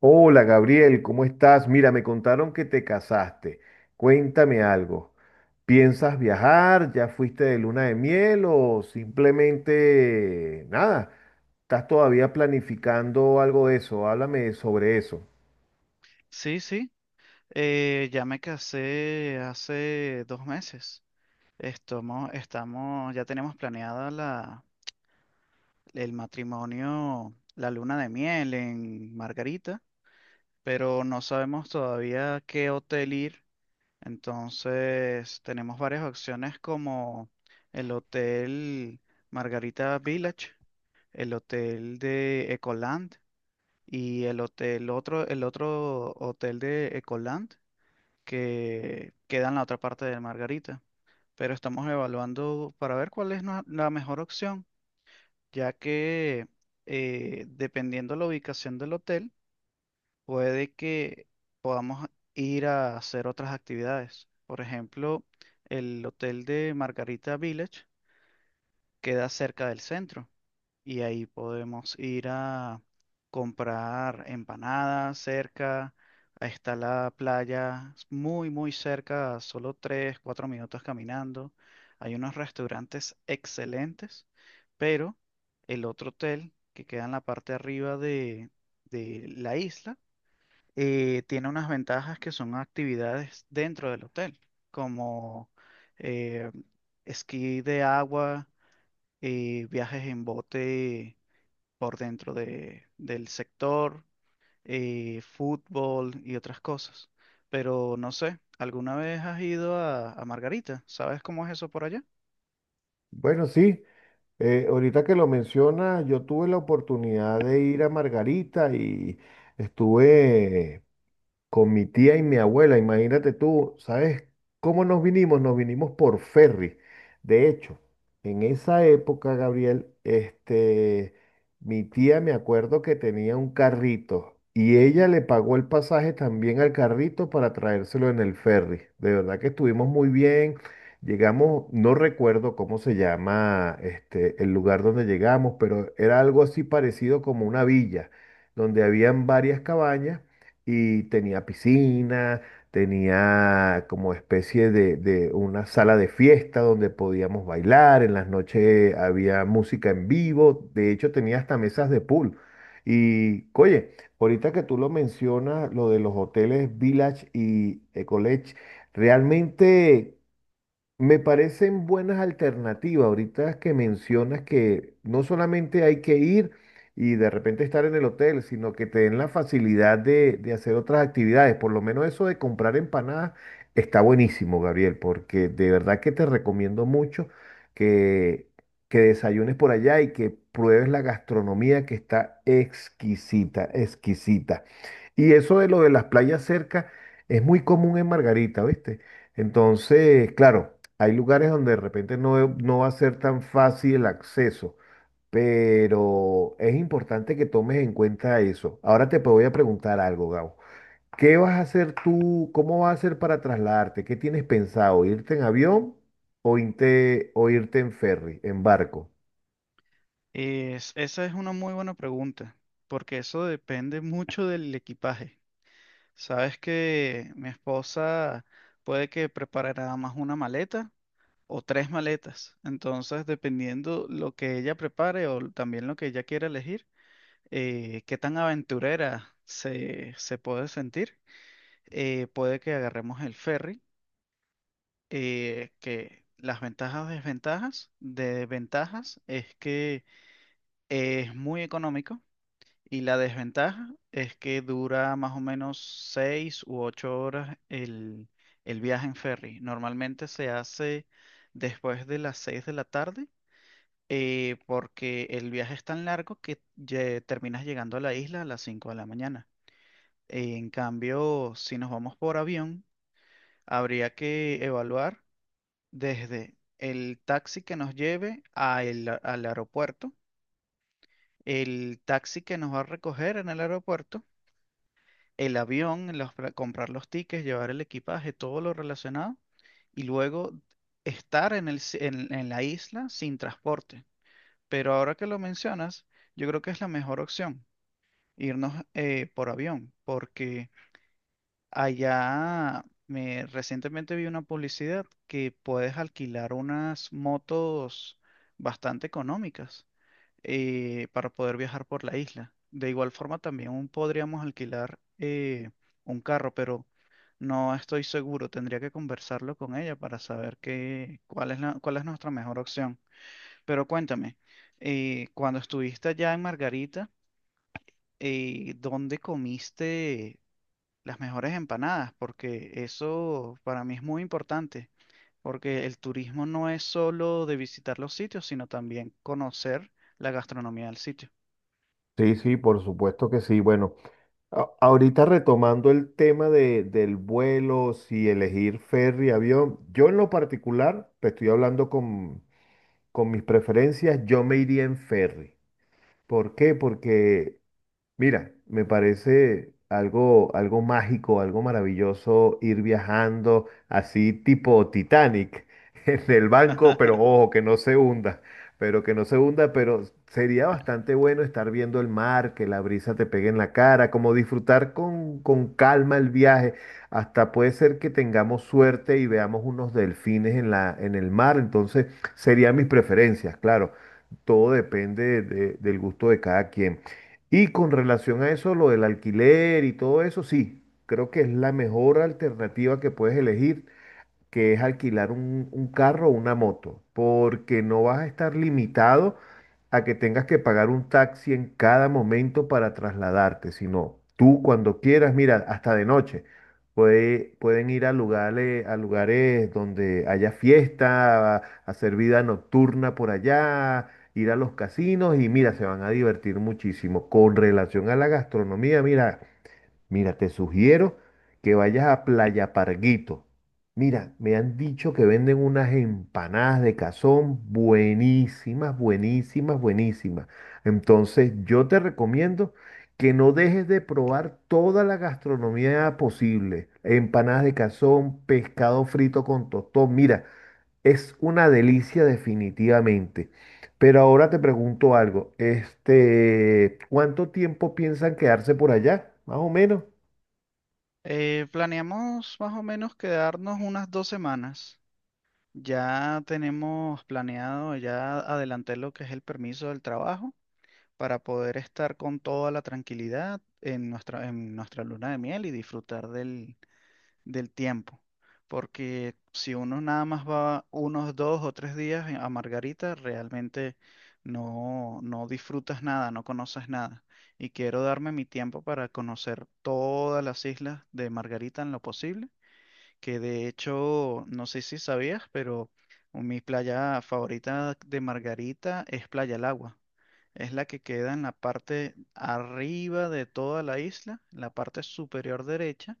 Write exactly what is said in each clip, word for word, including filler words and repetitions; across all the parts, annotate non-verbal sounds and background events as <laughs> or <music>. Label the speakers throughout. Speaker 1: Hola Gabriel, ¿cómo estás? Mira, me contaron que te casaste. Cuéntame algo. ¿Piensas viajar? ¿Ya fuiste de luna de miel o simplemente nada? ¿Estás todavía planificando algo de eso? Háblame sobre eso.
Speaker 2: Sí, sí, eh, ya me casé hace dos meses. Estamos, estamos, ya tenemos planeada la, el matrimonio, la luna de miel en Margarita, pero no sabemos todavía a qué hotel ir. Entonces, tenemos varias opciones como el Hotel Margarita Village, el Hotel de Ecoland y el hotel, otro, el otro hotel de Ecoland que queda en la otra parte de Margarita. Pero estamos evaluando para ver cuál es nue- la mejor opción, ya que eh, dependiendo la ubicación del hotel, puede que podamos ir a hacer otras actividades. Por ejemplo, el hotel de Margarita Village queda cerca del centro y ahí podemos ir a comprar empanadas cerca. Ahí está la playa muy, muy cerca, a solo tres cuatro minutos caminando. Hay unos restaurantes excelentes, pero el otro hotel que queda en la parte de arriba de, de la isla eh, tiene unas ventajas que son actividades dentro del hotel, como eh, esquí de agua, eh, viajes en bote por dentro de, del sector, eh, fútbol y otras cosas. Pero no sé, ¿alguna vez has ido a, a Margarita? ¿Sabes cómo es eso por allá?
Speaker 1: Bueno, sí. Eh, ahorita que lo mencionas, yo tuve la oportunidad de ir a Margarita y estuve con mi tía y mi abuela, imagínate tú, ¿sabes cómo nos vinimos? Nos vinimos por ferry. De hecho, en esa época, Gabriel, este, mi tía me acuerdo que tenía un carrito y ella le pagó el pasaje también al carrito para traérselo en el ferry. De verdad que estuvimos muy bien. Llegamos, no recuerdo cómo se llama este, el lugar donde llegamos, pero era algo así parecido como una villa, donde habían varias cabañas y tenía piscina, tenía como especie de, de una sala de fiesta donde podíamos bailar, en las noches había música en vivo, de hecho tenía hasta mesas de pool. Y, oye, ahorita que tú lo mencionas, lo de los hoteles Village y Ecolage, realmente... me parecen buenas alternativas ahorita que mencionas que no solamente hay que ir y de repente estar en el hotel, sino que te den la facilidad de, de hacer otras actividades. Por lo menos eso de comprar empanadas está buenísimo, Gabriel, porque de verdad que te recomiendo mucho que, que desayunes por allá y que pruebes la gastronomía que está exquisita, exquisita. Y eso de lo de las playas cerca es muy común en Margarita, ¿viste? Entonces, claro. Hay lugares donde de repente no, e, no va a ser tan fácil el acceso, pero es importante que tomes en cuenta eso. Ahora te voy a preguntar algo, Gabo. ¿Qué vas a hacer tú? ¿Cómo vas a hacer para trasladarte? ¿Qué tienes pensado? ¿Irte en avión o irte, o irte en ferry, en barco?
Speaker 2: Es- esa es una muy buena pregunta, porque eso depende mucho del equipaje. Sabes que mi esposa puede que prepare nada más una maleta o tres maletas. Entonces, dependiendo lo que ella prepare o también lo que ella quiera elegir, eh, qué tan aventurera se, se puede sentir. Eh, puede que agarremos el ferry, eh, que las ventajas, desventajas, de ventajas es que es muy económico y la desventaja es que dura más o menos seis u ocho horas el, el viaje en ferry. Normalmente se hace después de las seis de la tarde. Eh, porque el viaje es tan largo que lle- terminas llegando a la isla a las cinco de la mañana. En cambio, si nos vamos por avión, habría que evaluar desde el taxi que nos lleve a el- al aeropuerto, el taxi que nos va a recoger en el aeropuerto, el avión, los pra- comprar los tickets, llevar el equipaje, todo lo relacionado, y luego estar en el, si- en, en la isla sin transporte. Pero ahora que lo mencionas, yo creo que es la mejor opción, irnos eh, por avión, porque... Allá me recientemente vi una publicidad que puedes alquilar unas motos bastante económicas eh, para poder viajar por la isla. De igual forma también podríamos alquilar eh, un carro, pero no estoy seguro. Tendría que conversarlo con ella para saber qué, cuál es la- cuál es nuestra mejor opción. Pero cuéntame, eh, cuando estuviste allá en Margarita, eh, ¿dónde comiste las mejores empanadas? Porque eso para mí es muy importante, porque el turismo no es solo de visitar los sitios, sino también conocer la gastronomía del sitio.
Speaker 1: Sí, sí, por supuesto que sí. Bueno, a- ahorita retomando el tema de, del vuelo, si elegir ferry, avión, yo en lo particular, te estoy hablando con con mis preferencias, yo me iría en ferry. ¿Por qué? Porque mira, me parece algo, algo mágico, algo maravilloso ir viajando así tipo Titanic <laughs> en el banco, pero
Speaker 2: <laughs>
Speaker 1: ojo, que no se hunda, pero que no se hunda, pero sería bastante bueno estar viendo el mar, que la brisa te pegue en la cara, como disfrutar con, con calma el viaje. Hasta puede ser que tengamos suerte y veamos unos delfines en la, en el mar, entonces serían mis preferencias, claro. Todo depende de- del gusto de cada quien. Y con relación a eso, lo del alquiler y todo eso, sí, creo que es la mejor alternativa que puedes elegir que es alquilar un, un carro o una moto, porque no vas a estar limitado a que tengas que pagar un taxi en cada momento para trasladarte, sino tú cuando quieras, mira, hasta de noche, puede- pueden ir a lugares, a lugares donde haya fiesta, a hacer vida nocturna por allá, ir a los casinos y mira, se van a divertir muchísimo. Con relación a la gastronomía, mira. Mira, te sugiero que vayas a Playa Parguito. Mira, me han dicho que venden unas empanadas de cazón buenísimas, buenísimas, buenísimas. Entonces, yo te recomiendo que no dejes de probar toda la gastronomía posible. Empanadas de cazón, pescado frito con tostón. Mira, es una delicia definitivamente. Pero ahora te pregunto algo, este, ¿cuánto tiempo piensan quedarse por allá? Más o menos.
Speaker 2: Eh, planeamos más o menos quedarnos unas dos semanas. Ya tenemos planeado, ya adelanté lo que es el permiso del trabajo para poder estar con toda la tranquilidad en nuestra, en nuestra luna de miel y disfrutar del, del tiempo. Porque si uno nada más va unos dos o tres días en- a Margarita, realmente no, no disfrutas nada, no conoces nada. Y quiero darme mi tiempo para conocer todas las islas de Margarita en lo posible, que de hecho, no sé si sabías, pero mi playa favorita de Margarita es Playa El Agua. Es la que queda en la parte arriba de toda la isla, en la parte superior derecha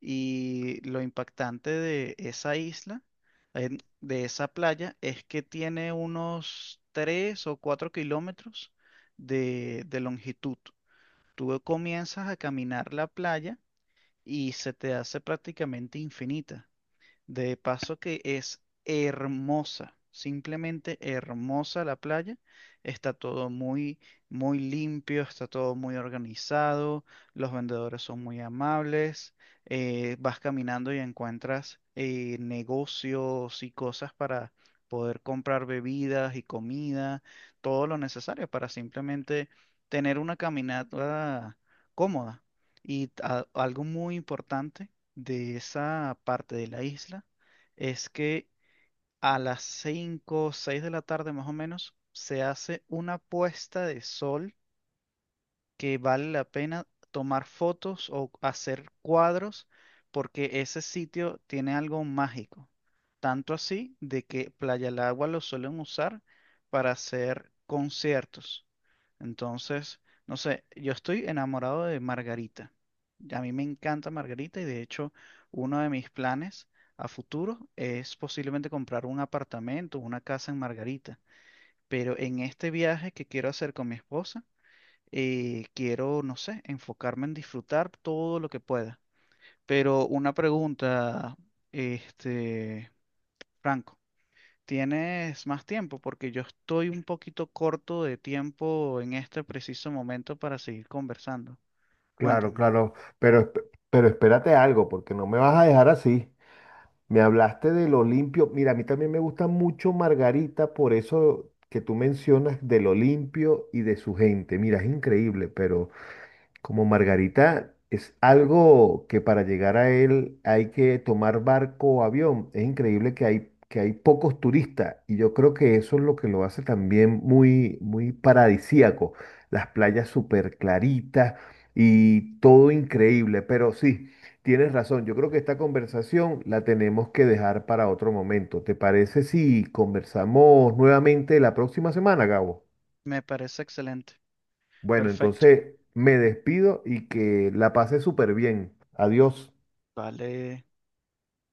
Speaker 2: y lo impactante de esa isla, en- de esa playa, es que tiene unos tres o cuatro kilómetros de, de longitud. Tú comienzas a caminar la playa y se te hace prácticamente infinita. De paso que es hermosa, simplemente hermosa la playa. Está todo muy, muy limpio, está todo muy organizado, los vendedores son muy amables. Eh, vas caminando y encuentras eh, negocios y cosas para poder comprar bebidas y comida, todo lo necesario para simplemente tener una caminata cómoda. Y a- algo muy importante de esa parte de la isla es que a las cinco o seis de la tarde más o menos se hace una puesta de sol que vale la pena tomar fotos o hacer cuadros porque ese sitio tiene algo mágico. Tanto así de que Playa del Agua lo suelen usar para hacer conciertos. Entonces, no sé, yo estoy enamorado de Margarita. A mí me encanta Margarita y de hecho uno de mis planes a futuro es posiblemente comprar un apartamento, una casa en Margarita. Pero en este viaje que quiero hacer con mi esposa, eh, quiero, no sé, enfocarme en disfrutar todo lo que pueda. Pero una pregunta, este, Franco, ¿tienes más tiempo? Porque yo estoy un poquito corto de tiempo en este preciso momento para seguir conversando.
Speaker 1: Claro,
Speaker 2: Cuéntame.
Speaker 1: claro, pero, esp- pero espérate algo, porque no me vas a dejar así. Me hablaste de lo limpio. Mira, a mí también me gusta mucho Margarita, por eso que tú mencionas de lo limpio y de su gente. Mira, es increíble, pero como Margarita es algo que para llegar a él hay que tomar barco o avión. Es increíble que hay, que hay pocos turistas y yo creo que eso es lo que lo hace también muy, muy paradisíaco. Las playas súper claritas y todo increíble. Pero sí, tienes razón. Yo creo que esta conversación la tenemos que dejar para otro momento. ¿Te parece si conversamos nuevamente la próxima semana, Gabo?
Speaker 2: Me parece excelente.
Speaker 1: Bueno,
Speaker 2: Perfecto.
Speaker 1: entonces me despido y que la pasé súper bien. Adiós.
Speaker 2: Vale.